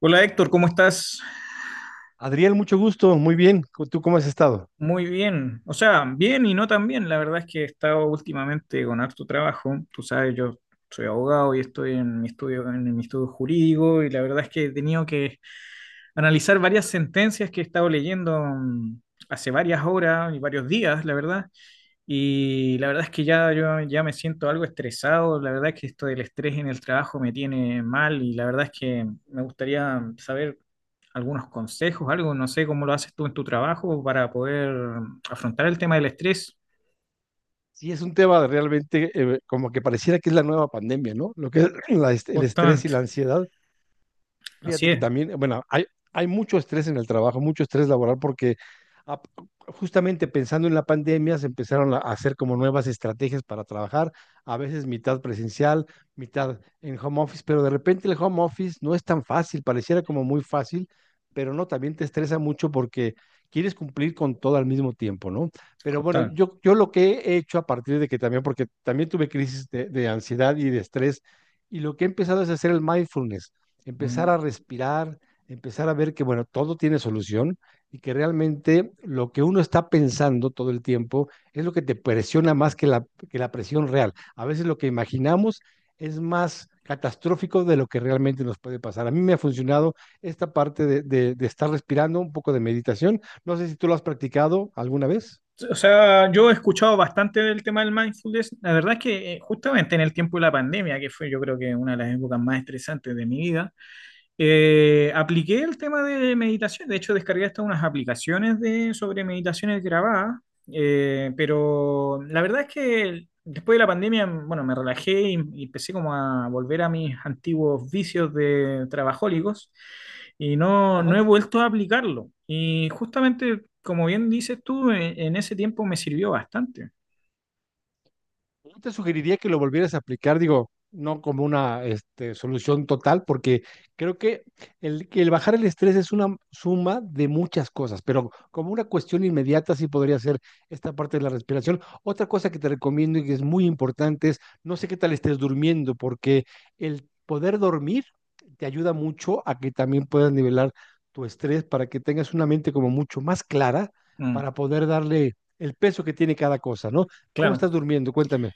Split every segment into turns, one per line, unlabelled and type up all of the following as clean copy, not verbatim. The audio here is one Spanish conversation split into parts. Hola Héctor, ¿cómo estás?
Adriel, mucho gusto, muy bien. ¿Tú cómo has estado?
Muy bien, o sea, bien y no tan bien. La verdad es que he estado últimamente con harto trabajo. Tú sabes, yo soy abogado y estoy en mi estudio jurídico y la verdad es que he tenido que analizar varias sentencias que he estado leyendo hace varias horas y varios días, la verdad. Y la verdad es que ya yo ya me siento algo estresado. La verdad es que esto del estrés en el trabajo me tiene mal y la verdad es que me gustaría saber algunos consejos, algo, no sé cómo lo haces tú en tu trabajo para poder afrontar el tema del estrés.
Sí, es un tema de realmente, como que pareciera que es la nueva pandemia, ¿no? Lo que es el estrés y la
Justamente,
ansiedad.
así
Fíjate que
es,
también, bueno, hay mucho estrés en el trabajo, mucho estrés laboral, porque a- justamente pensando en la pandemia se empezaron a hacer como nuevas estrategias para trabajar, a veces mitad presencial, mitad en home office, pero de repente el home office no es tan fácil, pareciera como muy fácil, pero no, también te estresa mucho porque quieres cumplir con todo al mismo tiempo, ¿no? Pero bueno,
justamente.
yo lo que he hecho a partir de que también, porque también tuve crisis de ansiedad y de estrés, y lo que he empezado es hacer el mindfulness, empezar
Mm.
a respirar, empezar a ver que, bueno, todo tiene solución y que realmente lo que uno está pensando todo el tiempo es lo que te presiona más que la presión real. A veces lo que imaginamos es más catastrófico de lo que realmente nos puede pasar. A mí me ha funcionado esta parte de estar respirando, un poco de meditación. No sé si tú lo has practicado alguna vez.
O sea, yo he escuchado bastante del tema del mindfulness. La verdad es que justamente en el tiempo de la pandemia, que fue yo creo que una de las épocas más estresantes de mi vida, apliqué el tema de meditación, de hecho descargué hasta unas aplicaciones de, sobre meditaciones grabadas, pero la verdad es que después de la pandemia, bueno, me relajé y empecé como a volver a mis antiguos vicios de trabajólicos y no, no he
Ajá.
vuelto a aplicarlo. Y justamente, como bien dices tú, en ese tiempo me sirvió bastante.
Yo te sugeriría que lo volvieras a aplicar, digo, no como una solución total, porque creo que que el bajar el estrés es una suma de muchas cosas, pero como una cuestión inmediata sí podría ser esta parte de la respiración. Otra cosa que te recomiendo y que es muy importante es, no sé qué tal estés durmiendo, porque el poder dormir te ayuda mucho a que también puedas nivelar tu estrés para que tengas una mente como mucho más clara
Mm,
para poder darle el peso que tiene cada cosa, ¿no? ¿Cómo
claro.
estás durmiendo? Cuéntame.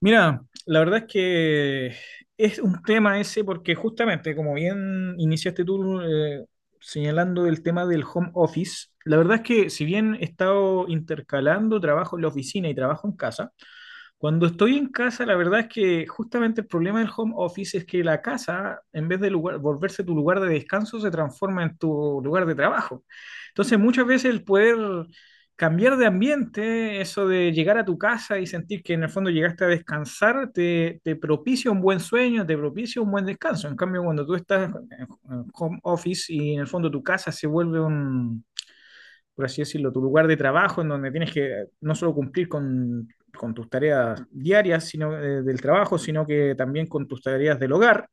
Mira, la verdad es que es un tema ese porque justamente, como bien iniciaste tú señalando el tema del home office, la verdad es que si bien he estado intercalando trabajo en la oficina y trabajo en casa, cuando estoy en casa, la verdad es que justamente el problema del home office es que la casa, en vez de lugar, volverse tu lugar de descanso, se transforma en tu lugar de trabajo. Entonces, muchas veces el poder cambiar de ambiente, eso de llegar a tu casa y sentir que en el fondo llegaste a descansar, te propicia un buen sueño, te propicia un buen descanso. En cambio, cuando tú estás en home office y en el fondo tu casa se vuelve un por así decirlo, tu lugar de trabajo, en donde tienes que no solo cumplir con tus tareas diarias sino, del trabajo, sino que también con tus tareas del hogar,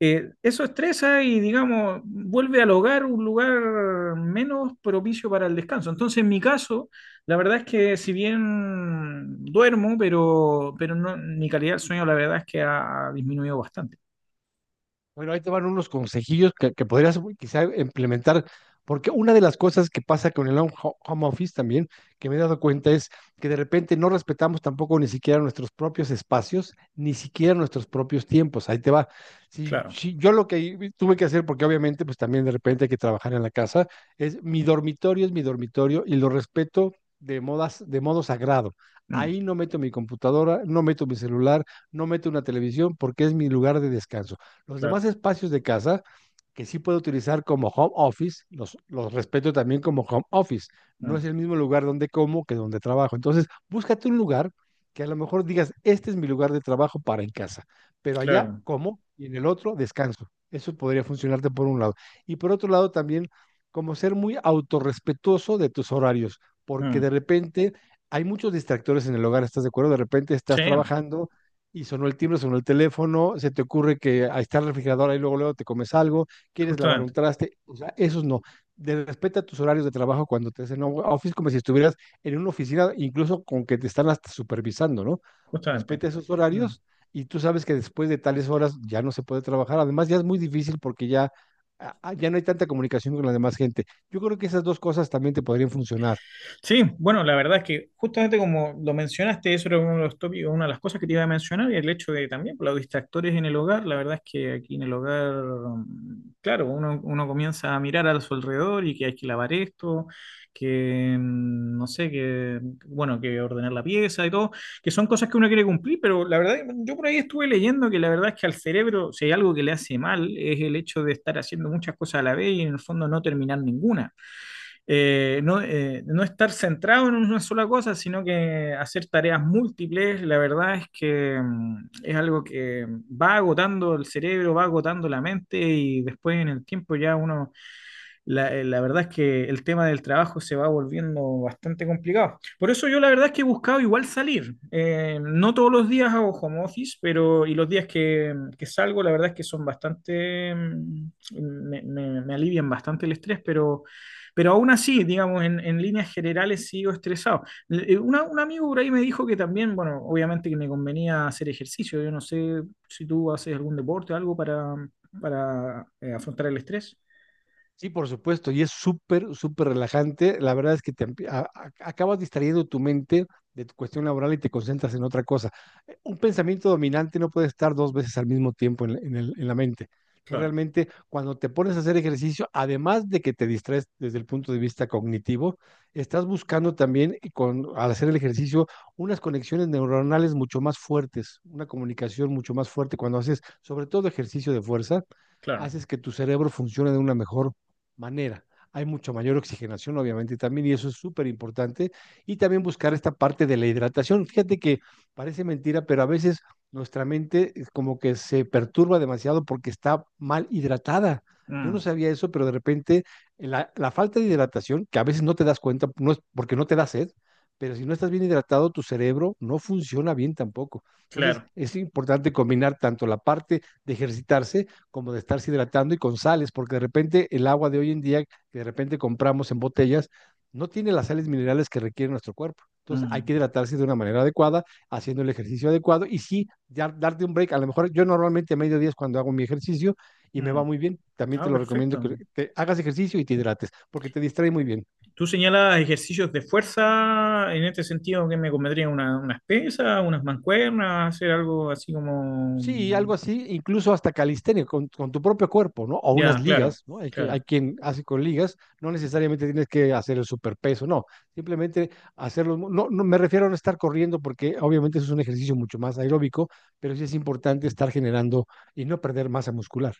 eso estresa y, digamos, vuelve al hogar un lugar menos propicio para el descanso. Entonces, en mi caso, la verdad es que si bien duermo, pero no, mi calidad del sueño, la verdad es que ha disminuido bastante.
Bueno, ahí te van unos consejillos que podrías quizá implementar, porque una de las cosas que pasa con el home office también, que me he dado cuenta, es que de repente no respetamos tampoco ni siquiera nuestros propios espacios, ni siquiera nuestros propios tiempos. Ahí te va. Si,
Claro,
si yo lo que tuve que hacer, porque obviamente pues también de repente hay que trabajar en la casa, es mi dormitorio, es mi dormitorio, y lo respeto de modo sagrado.
mm,
Ahí no meto mi computadora, no meto mi celular, no meto una televisión porque es mi lugar de descanso. Los demás
claro,
espacios de casa que sí puedo utilizar como home office, los respeto también como home office. No
mm,
es el mismo lugar donde como que donde trabajo. Entonces, búscate un lugar que a lo mejor digas, este es mi lugar de trabajo para en casa, pero allá
claro.
como y en el otro descanso. Eso podría funcionarte por un lado. Y por otro lado también como ser muy autorrespetuoso de tus horarios, porque
Mm.
de repente hay muchos distractores en el hogar, ¿estás de acuerdo? De repente estás
Sí,
trabajando y sonó el timbre, sonó el teléfono, se te ocurre que ahí está el refrigerador, ahí luego, luego te comes algo, quieres lavar un
justamente,
traste, o sea, esos no. De Respeta tus horarios de trabajo cuando te hacen home office, como si estuvieras en una oficina, incluso con que te están hasta supervisando, ¿no?
justamente.
Respeta esos
Mm.
horarios y tú sabes que después de tales horas ya no se puede trabajar. Además, ya es muy difícil porque ya, ya no hay tanta comunicación con la demás gente. Yo creo que esas dos cosas también te podrían funcionar.
Sí, bueno, la verdad es que justamente como lo mencionaste, eso era uno de los tópicos, una de las cosas que te iba a mencionar, y el hecho de también por los distractores en el hogar, la verdad es que aquí en el hogar, mm, claro, uno comienza a mirar a su alrededor y que hay que lavar esto, que no sé, que bueno, que ordenar la pieza y todo, que son cosas que uno quiere cumplir, pero la verdad, yo por ahí estuve leyendo que la verdad es que al cerebro, si hay algo que le hace mal, es el hecho de estar haciendo muchas cosas a la vez y en el fondo no terminar ninguna no estar centrado en una sola cosa, sino que hacer tareas múltiples, la verdad es que es algo que va agotando el cerebro, va agotando la mente y después en el tiempo ya uno la verdad es que el tema del trabajo se va volviendo bastante complicado. Por eso yo la verdad es que he buscado igual salir. No todos los días hago home office, pero y los días que salgo, la verdad es que son bastante, mm, me alivian bastante el estrés, pero aún así, digamos, en líneas generales sigo estresado. Un amigo por ahí me dijo que también, bueno, obviamente que me convenía hacer ejercicio. Yo no sé si tú haces algún deporte o algo para afrontar el estrés.
Sí, por supuesto, y es súper, súper relajante. La verdad es que te acabas distrayendo tu mente de tu cuestión laboral y te concentras en otra cosa. Un pensamiento dominante no puede estar dos veces al mismo tiempo en la mente. Entonces,
Claro,
realmente, cuando te pones a hacer ejercicio, además de que te distraes desde el punto de vista cognitivo, estás buscando también, y al hacer el ejercicio, unas conexiones neuronales mucho más fuertes, una comunicación mucho más fuerte. Cuando haces, sobre todo, ejercicio de fuerza,
claro.
haces que tu cerebro funcione de una mejor manera. Hay mucho mayor oxigenación, obviamente, también, y eso es súper importante. Y también buscar esta parte de la hidratación. Fíjate que parece mentira, pero a veces nuestra mente como que se perturba demasiado porque está mal hidratada. Yo no
Mm,
sabía eso, pero de repente la falta de hidratación, que a veces no te das cuenta, no es porque no te da sed, pero si no estás bien hidratado, tu cerebro no funciona bien tampoco. Entonces,
claro.
es importante combinar tanto la parte de ejercitarse como de estarse hidratando y con sales, porque de repente el agua de hoy en día que de repente compramos en botellas no tiene las sales minerales que requiere nuestro cuerpo. Entonces hay
Mm,
que hidratarse de una manera adecuada, haciendo el ejercicio adecuado y sí, darte un break. A lo mejor yo normalmente a mediodía es cuando hago mi ejercicio y me va
mm.
muy bien. También
Ah,
te lo recomiendo
perfecto.
que te hagas ejercicio y te hidrates, porque te distrae muy bien.
Tú señalas ejercicios de fuerza en este sentido que me convendría una, unas pesas, unas mancuernas, hacer algo así como...
Sí, algo
mm,
así, incluso hasta calistenia, con tu propio cuerpo, ¿no? O unas
ya, claro,
ligas, ¿no? Hay, que,
claro,
hay quien hace con ligas, no necesariamente tienes que hacer el superpeso, no, simplemente hacerlo. No, no me refiero a no estar corriendo porque obviamente eso es un ejercicio mucho más aeróbico, pero sí es importante estar generando y no perder masa muscular.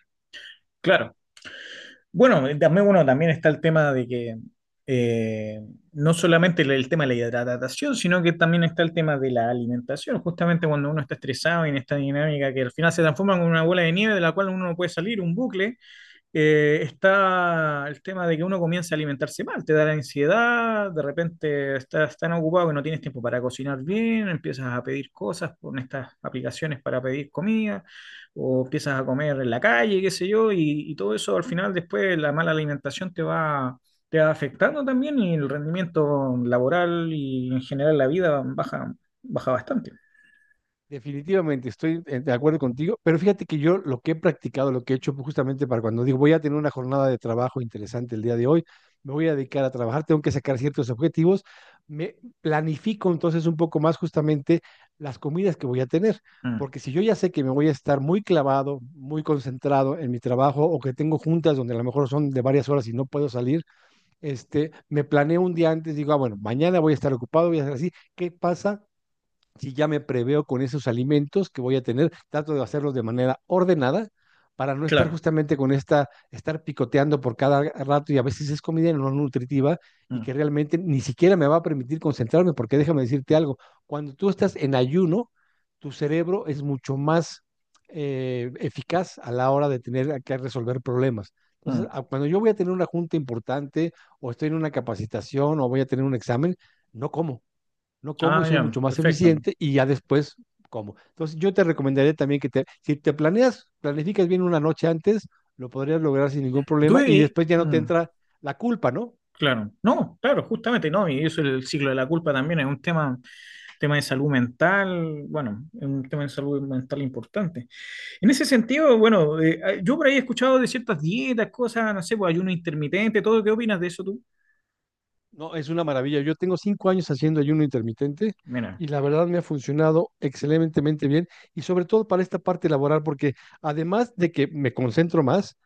claro. Bueno, también, bueno, también está el tema de que eh, no solamente el tema de la hidratación, sino que también está el tema de la alimentación, justamente cuando uno está estresado y en esta dinámica que al final se transforma en una bola de nieve de la cual uno no puede salir, un bucle. Está el tema de que uno comienza a alimentarse mal, te da la ansiedad, de repente estás tan ocupado que no tienes tiempo para cocinar bien, empiezas a pedir cosas con estas aplicaciones para pedir comida, o empiezas a comer en la calle, qué sé yo, y todo eso al final después la mala alimentación te va afectando también y el rendimiento laboral y en general la vida baja, baja bastante.
Definitivamente, estoy de acuerdo contigo, pero fíjate que yo lo que he practicado, lo que he hecho justamente para cuando digo voy a tener una jornada de trabajo interesante el día de hoy, me voy a dedicar a trabajar, tengo que sacar ciertos objetivos, me planifico entonces un poco más justamente las comidas que voy a tener,
Mm,
porque si yo ya sé que me voy a estar muy clavado, muy concentrado en mi trabajo o que tengo juntas donde a lo mejor son de varias horas y no puedo salir, me planeo un día antes, digo, bueno, mañana voy a estar ocupado, voy a hacer así, ¿qué pasa? Si ya me preveo con esos alimentos que voy a tener, trato de hacerlos de manera ordenada para no estar
claro.
justamente con estar picoteando por cada rato y a veces es comida no nutritiva y
Mm,
que realmente ni siquiera me va a permitir concentrarme, porque déjame decirte algo, cuando tú estás en ayuno, tu cerebro es mucho más eficaz a la hora de tener que resolver problemas. Entonces,
mm.
cuando yo voy a tener una junta importante o estoy en una capacitación o voy a tener un examen, no como, no como, y
Ah,
soy
ya,
mucho más
perfecto.
eficiente y ya después como. Entonces yo te recomendaría también que si te planeas, planificas bien una noche antes, lo podrías lograr sin ningún problema y después ya no te
Mm.
entra la culpa, ¿no?
Claro, no, claro, justamente no, y eso el ciclo de la culpa también es un tema, tema de salud mental, bueno, es un tema de salud mental importante. En ese sentido, bueno, yo por ahí he escuchado de ciertas dietas, cosas, no sé, pues ayuno intermitente, todo, ¿qué opinas de eso tú?
No, es una maravilla. Yo tengo 5 años haciendo ayuno intermitente
Mira,
y la verdad me ha funcionado excelentemente bien y sobre todo para esta parte laboral porque además de que me concentro más,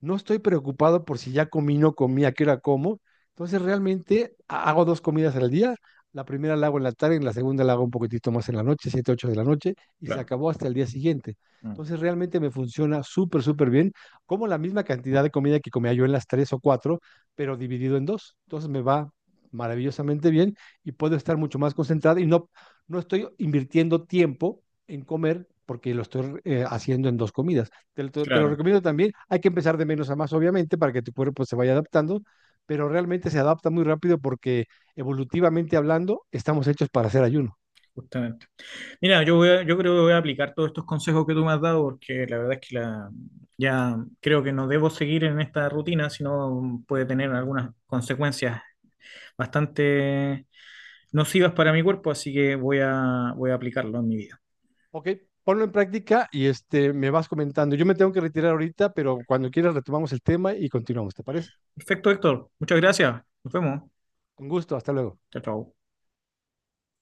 no estoy preocupado por si ya comí, no comí, a qué hora como. Entonces realmente hago dos comidas al día. La primera la hago en la tarde, en la segunda la hago un poquitito más en la noche, 7, 8 de la noche, y se
claro,
acabó hasta el día siguiente.
mm,
Entonces realmente me funciona súper, súper bien. Como la misma cantidad de comida que comía yo en las tres o cuatro, pero dividido en dos. Entonces me va maravillosamente bien y puedo estar mucho más concentrado y no, no estoy invirtiendo tiempo en comer porque lo estoy haciendo en dos comidas. Te lo
claro,
recomiendo también. Hay que empezar de menos a más, obviamente, para que tu cuerpo pues, se vaya adaptando, pero realmente se adapta muy rápido porque evolutivamente hablando, estamos hechos para hacer ayuno.
justamente. Mira, yo creo que voy a aplicar todos estos consejos que tú me has dado, porque la verdad es que la, ya creo que no debo seguir en esta rutina, sino puede tener algunas consecuencias bastante nocivas para mi cuerpo, así que voy a aplicarlo en mi vida.
Ok, ponlo en práctica y me vas comentando. Yo me tengo que retirar ahorita, pero cuando quieras retomamos el tema y continuamos, ¿te parece?
Perfecto, Héctor. Muchas gracias. Nos vemos.
Con gusto, hasta luego.
Chao, chao.